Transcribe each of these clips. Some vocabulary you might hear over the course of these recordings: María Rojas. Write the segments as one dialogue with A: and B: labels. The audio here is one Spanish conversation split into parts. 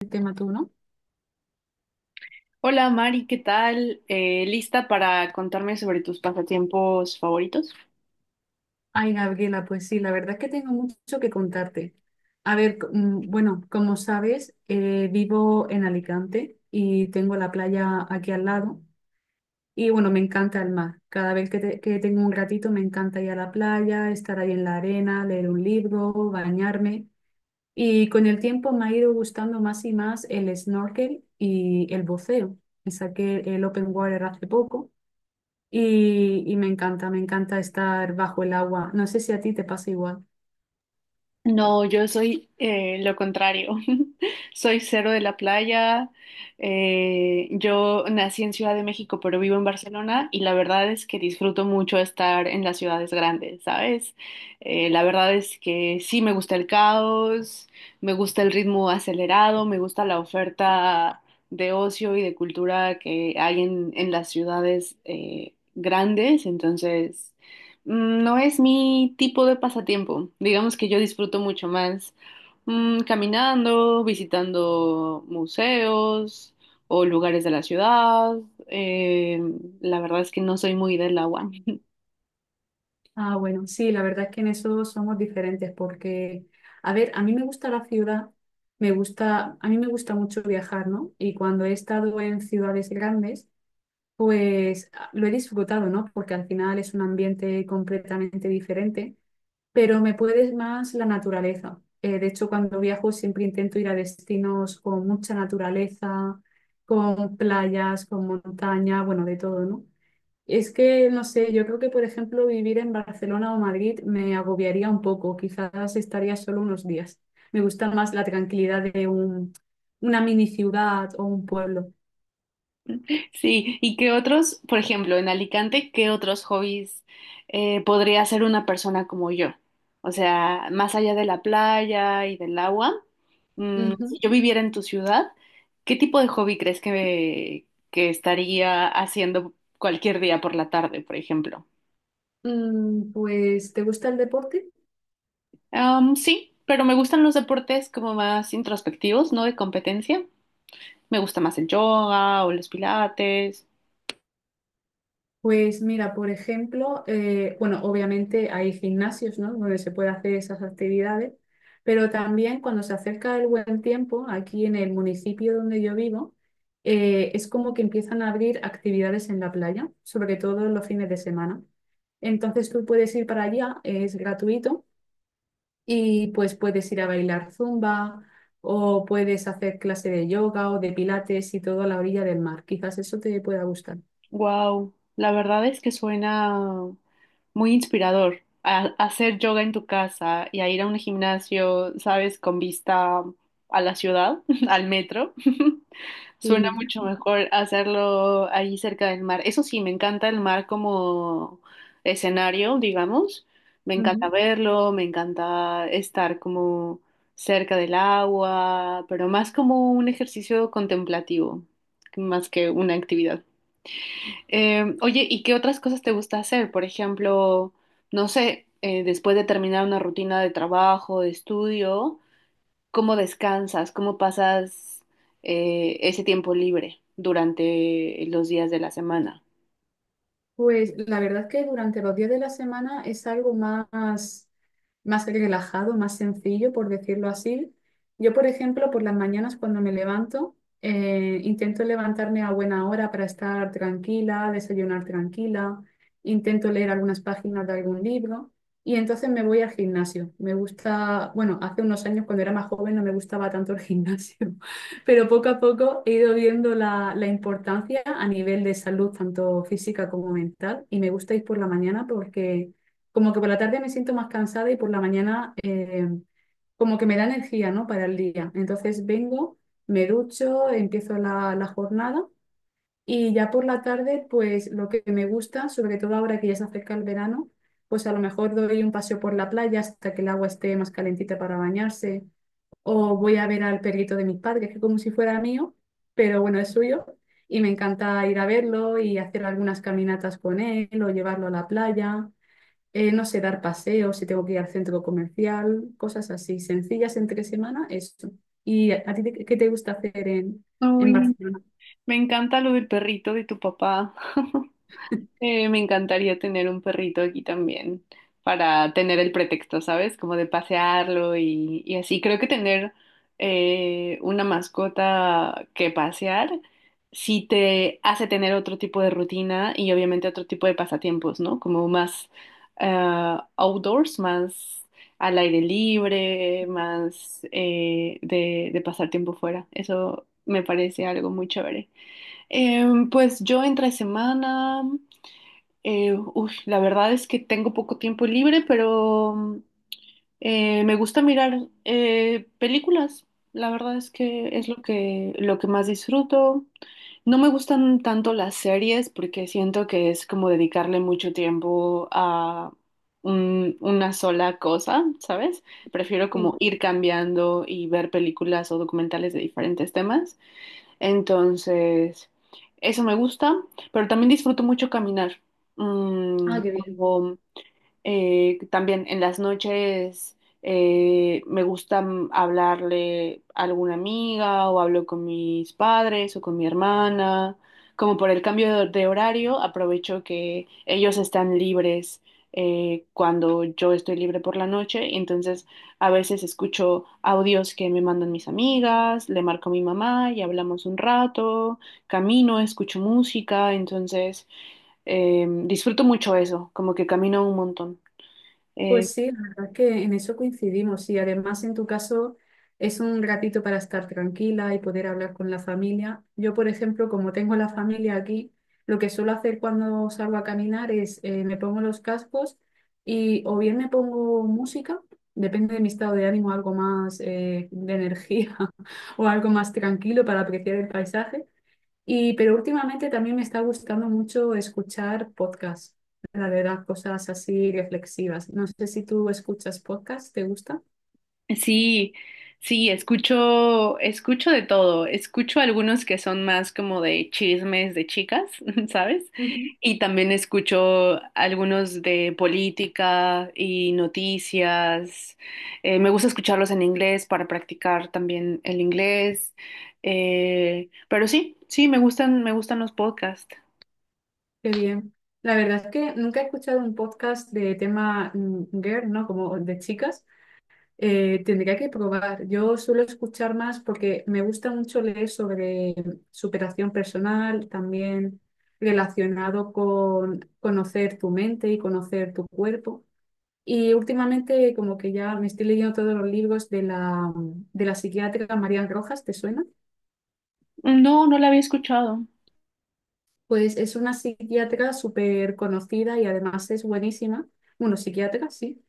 A: El tema tú, ¿no?
B: Hola Mari, ¿qué tal? ¿Lista para contarme sobre tus pasatiempos favoritos?
A: Ay, Gabriela, pues sí, la verdad es que tengo mucho que contarte. A ver, bueno, como sabes, vivo en Alicante y tengo la playa aquí al lado. Y bueno, me encanta el mar. Cada vez que, que tengo un ratito, me encanta ir a la playa, estar ahí en la arena, leer un libro, bañarme. Y con el tiempo me ha ido gustando más y más el snorkel y el buceo. Me saqué el open water hace poco. Y me encanta estar bajo el agua. No sé si a ti te pasa igual.
B: No, yo soy lo contrario. Soy cero de la playa. Yo nací en Ciudad de México, pero vivo en Barcelona y la verdad es que disfruto mucho estar en las ciudades grandes, ¿sabes? La verdad es que sí me gusta el caos, me gusta el ritmo acelerado, me gusta la oferta de ocio y de cultura que hay en las ciudades grandes. Entonces no es mi tipo de pasatiempo. Digamos que yo disfruto mucho más, caminando, visitando museos o lugares de la ciudad. Eh, la verdad es que no soy muy del agua.
A: Ah, bueno, sí, la verdad es que en eso somos diferentes porque, a ver, a mí me gusta la ciudad, me gusta, a mí me gusta mucho viajar, ¿no? Y cuando he estado en ciudades grandes, pues lo he disfrutado, ¿no? Porque al final es un ambiente completamente diferente, pero me puede más la naturaleza. De hecho, cuando viajo siempre intento ir a destinos con mucha naturaleza, con playas, con montaña, bueno, de todo, ¿no? Es que, no sé, yo creo que, por ejemplo, vivir en Barcelona o Madrid me agobiaría un poco, quizás estaría solo unos días. Me gusta más la tranquilidad de un, una mini ciudad o un pueblo.
B: Sí, ¿y qué otros, por ejemplo, en Alicante, qué otros hobbies podría hacer una persona como yo? O sea, más allá de la playa y del agua, si
A: Ujú.
B: yo viviera en tu ciudad, ¿qué tipo de hobby crees que estaría haciendo cualquier día por la tarde, por ejemplo?
A: Pues, ¿te gusta el deporte?
B: Am, sí, pero me gustan los deportes como más introspectivos, no de competencia. Me gusta más el yoga o los pilates.
A: Pues mira, por ejemplo, bueno, obviamente hay gimnasios, ¿no? Donde se puede hacer esas actividades, pero también cuando se acerca el buen tiempo, aquí en el municipio donde yo vivo, es como que empiezan a abrir actividades en la playa, sobre todo los fines de semana. Entonces tú puedes ir para allá, es gratuito. Y pues puedes ir a bailar zumba o puedes hacer clase de yoga o de pilates y todo a la orilla del mar. Quizás eso te pueda gustar.
B: Wow, la verdad es que suena muy inspirador. A hacer yoga en tu casa y a ir a un gimnasio, ¿sabes? Con vista a la ciudad, al metro.
A: Sí.
B: Suena mucho mejor hacerlo ahí cerca del mar. Eso sí, me encanta el mar como escenario, digamos. Me encanta
A: Ujú.
B: verlo, me encanta estar como cerca del agua, pero más como un ejercicio contemplativo, más que una actividad. Oye, ¿y qué otras cosas te gusta hacer? Por ejemplo, no sé, después de terminar una rutina de trabajo, de estudio, ¿cómo descansas? ¿Cómo pasas ese tiempo libre durante los días de la semana?
A: Pues la verdad es que durante los días de la semana es algo más, más relajado, más sencillo, por decirlo así. Yo, por ejemplo, por las mañanas cuando me levanto, intento levantarme a buena hora para estar tranquila, desayunar tranquila, intento leer algunas páginas de algún libro y entonces me voy al gimnasio. Me gusta, bueno, hace unos años cuando era más joven no me gustaba tanto el gimnasio. Pero poco a poco he ido viendo la, la importancia a nivel de salud, tanto física como mental, y me gusta ir por la mañana porque como que por la tarde me siento más cansada y por la mañana como que me da energía, ¿no?, para el día. Entonces vengo, me ducho, empiezo la, la jornada y ya por la tarde, pues lo que me gusta, sobre todo ahora que ya se acerca el verano, pues a lo mejor doy un paseo por la playa hasta que el agua esté más calentita para bañarse o voy a ver al perrito de mis padres, que como si fuera mío, pero bueno, es suyo, y me encanta ir a verlo y hacer algunas caminatas con él o llevarlo a la playa, no sé, dar paseos si tengo que ir al centro comercial, cosas así, sencillas entre semana, eso. ¿Y a ti qué te gusta hacer en
B: Uy,
A: Barcelona?
B: me encanta lo del perrito de tu papá. Me encantaría tener un perrito aquí también para tener el pretexto, ¿sabes? Como de pasearlo y así. Creo que tener una mascota que pasear sí te hace tener otro tipo de rutina y obviamente otro tipo de pasatiempos, ¿no? Como más, outdoors, más al aire libre, más, de pasar tiempo fuera. Eso me parece algo muy chévere. Em, pues yo entre semana. Uy, la verdad es que tengo poco tiempo libre, pero me gusta mirar películas. La verdad es que es lo que más disfruto. No me gustan tanto las series porque siento que es como dedicarle mucho tiempo a una sola cosa, ¿sabes? Prefiero como
A: Sí.
B: ir cambiando y ver películas o documentales de diferentes temas. Entonces, eso me gusta, pero también disfruto mucho caminar. Mm,
A: Ah, qué bien.
B: como también en las noches me gusta, hablarle a alguna amiga o hablo con mis padres o con mi hermana. Como por el cambio de horario, aprovecho que ellos están libres cuando yo estoy libre por la noche. Entonces, a veces escucho audios que me mandan mis amigas, le marco a mi mamá y hablamos un rato, camino, escucho música. Entonces, em, disfruto mucho eso, como que camino un montón. Eh,
A: Pues sí, la verdad es que en eso coincidimos y además en tu caso es un ratito para estar tranquila y poder hablar con la familia. Yo, por ejemplo, como tengo la familia aquí, lo que suelo hacer cuando salgo a caminar es me pongo los cascos y o bien me pongo música, depende de mi estado de ánimo, algo más de energía o algo más tranquilo para apreciar el paisaje. Y, pero últimamente también me está gustando mucho escuchar podcasts, la verdad, cosas así reflexivas. No sé si tú escuchas podcasts, ¿te gusta?
B: sí, sí, escucho de todo. Escucho algunos que son más como de chismes de chicas, ¿sabes?
A: Ujú.
B: Y también escucho algunos de política y noticias. Me gusta escucharlos en inglés para practicar también el inglés. Pero sí, sí, me gustan los podcasts.
A: Qué bien. La verdad es que nunca he escuchado un podcast de tema girl, ¿no? Como de chicas. Tendría que probar. Yo suelo escuchar más porque me gusta mucho leer sobre superación personal, también relacionado con conocer tu mente y conocer tu cuerpo. Y últimamente como que ya me estoy leyendo todos los libros de la psiquiatra María Rojas, ¿te suena?
B: No, no la había escuchado.
A: Pues es una psiquiatra súper conocida y además es buenísima. Bueno, psiquiatra, sí.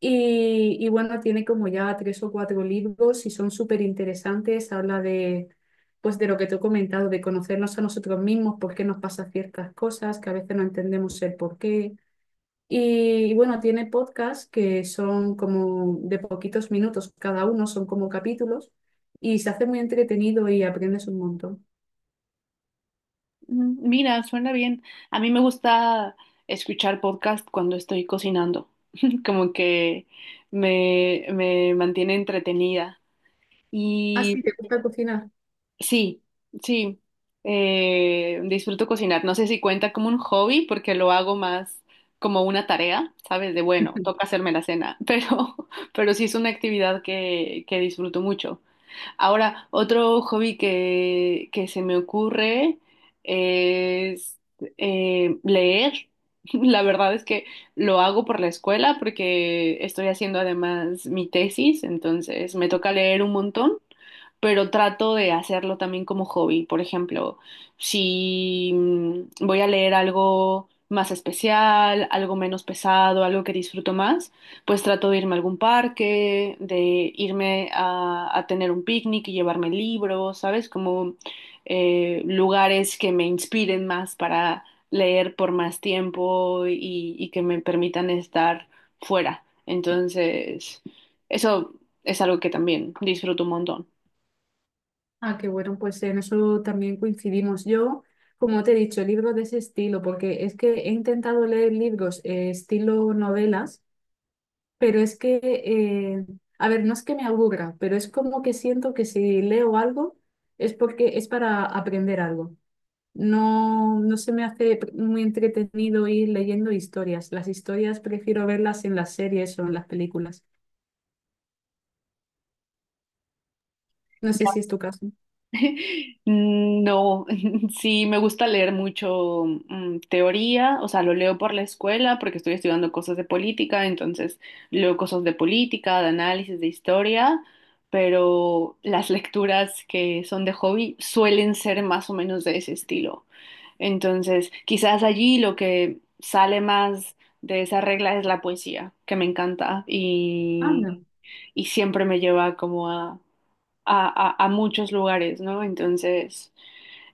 A: Y bueno, tiene como ya tres o cuatro libros y son súper interesantes. Habla de, pues de lo que te he comentado, de conocernos a nosotros mismos, por qué nos pasa ciertas cosas, que a veces no entendemos el por qué. Y bueno, tiene podcasts que son como de poquitos minutos cada uno, son como capítulos, y se hace muy entretenido y aprendes un montón.
B: Mira, suena bien. A mí me gusta escuchar podcast cuando estoy cocinando, como que me mantiene entretenida.
A: Ah,
B: Y
A: sí, ¿te gusta cocinar?
B: sí, sí, disfruto cocinar. No sé si cuenta como un hobby porque lo hago más como una tarea, ¿sabes? De bueno, toca hacerme la cena, pero sí es una actividad que disfruto mucho. Ahora, otro hobby que se me ocurre es, leer. La verdad es que lo hago por la escuela porque estoy haciendo además mi tesis, entonces me toca leer un montón, pero trato de hacerlo también como hobby. Por ejemplo, si voy a leer algo más especial, algo menos pesado, algo que disfruto más, pues trato de irme a algún parque, de irme a tener un picnic y llevarme libros, ¿sabes? Como lugares que me inspiren más para leer por más tiempo y que me permitan estar fuera. Entonces, eso es algo que también disfruto un montón.
A: Ah, qué bueno, pues en eso también coincidimos. Yo, como te he dicho, libros de ese estilo, porque es que he intentado leer libros estilo novelas, pero es que, a ver, no es que me aburra, pero es como que siento que si leo algo es porque es para aprender algo. No, no se me hace muy entretenido ir leyendo historias. Las historias prefiero verlas en las series o en las películas. No sé si es tu caso.
B: No, sí, me gusta leer mucho, teoría, o sea, lo leo por la escuela porque estoy estudiando cosas de política, entonces leo cosas de política, de análisis, de historia, pero las lecturas que son de hobby suelen ser más o menos de ese estilo. Entonces, quizás allí lo que sale más de esa regla es la poesía, que me encanta
A: Anda,
B: y siempre me lleva como a muchos lugares, ¿no? Entonces,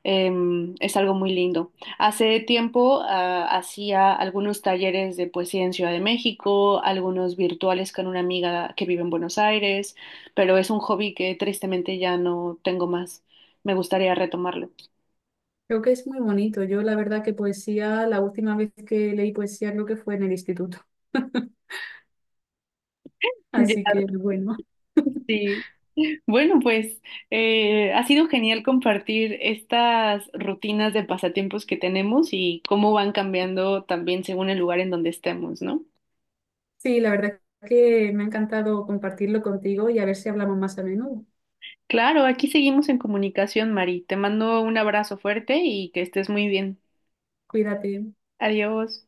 B: em, es algo muy lindo. Hace tiempo, ah, hacía algunos talleres de poesía en Ciudad de México, algunos virtuales con una amiga que vive en Buenos Aires, pero es un hobby que tristemente ya no tengo más. Me gustaría retomarlo.
A: creo que es muy bonito. Yo la verdad que poesía, la última vez que leí poesía creo que fue en el instituto.
B: Ya,
A: Así que bueno,
B: sí. Bueno, pues ha sido genial compartir estas rutinas de pasatiempos que tenemos y cómo van cambiando también según el lugar en donde estemos, ¿no?
A: sí, la verdad que me ha encantado compartirlo contigo y a ver si hablamos más a menudo.
B: Claro, aquí seguimos en comunicación, Mari. Te mando un abrazo fuerte y que estés muy bien.
A: Cuídate.
B: Adiós.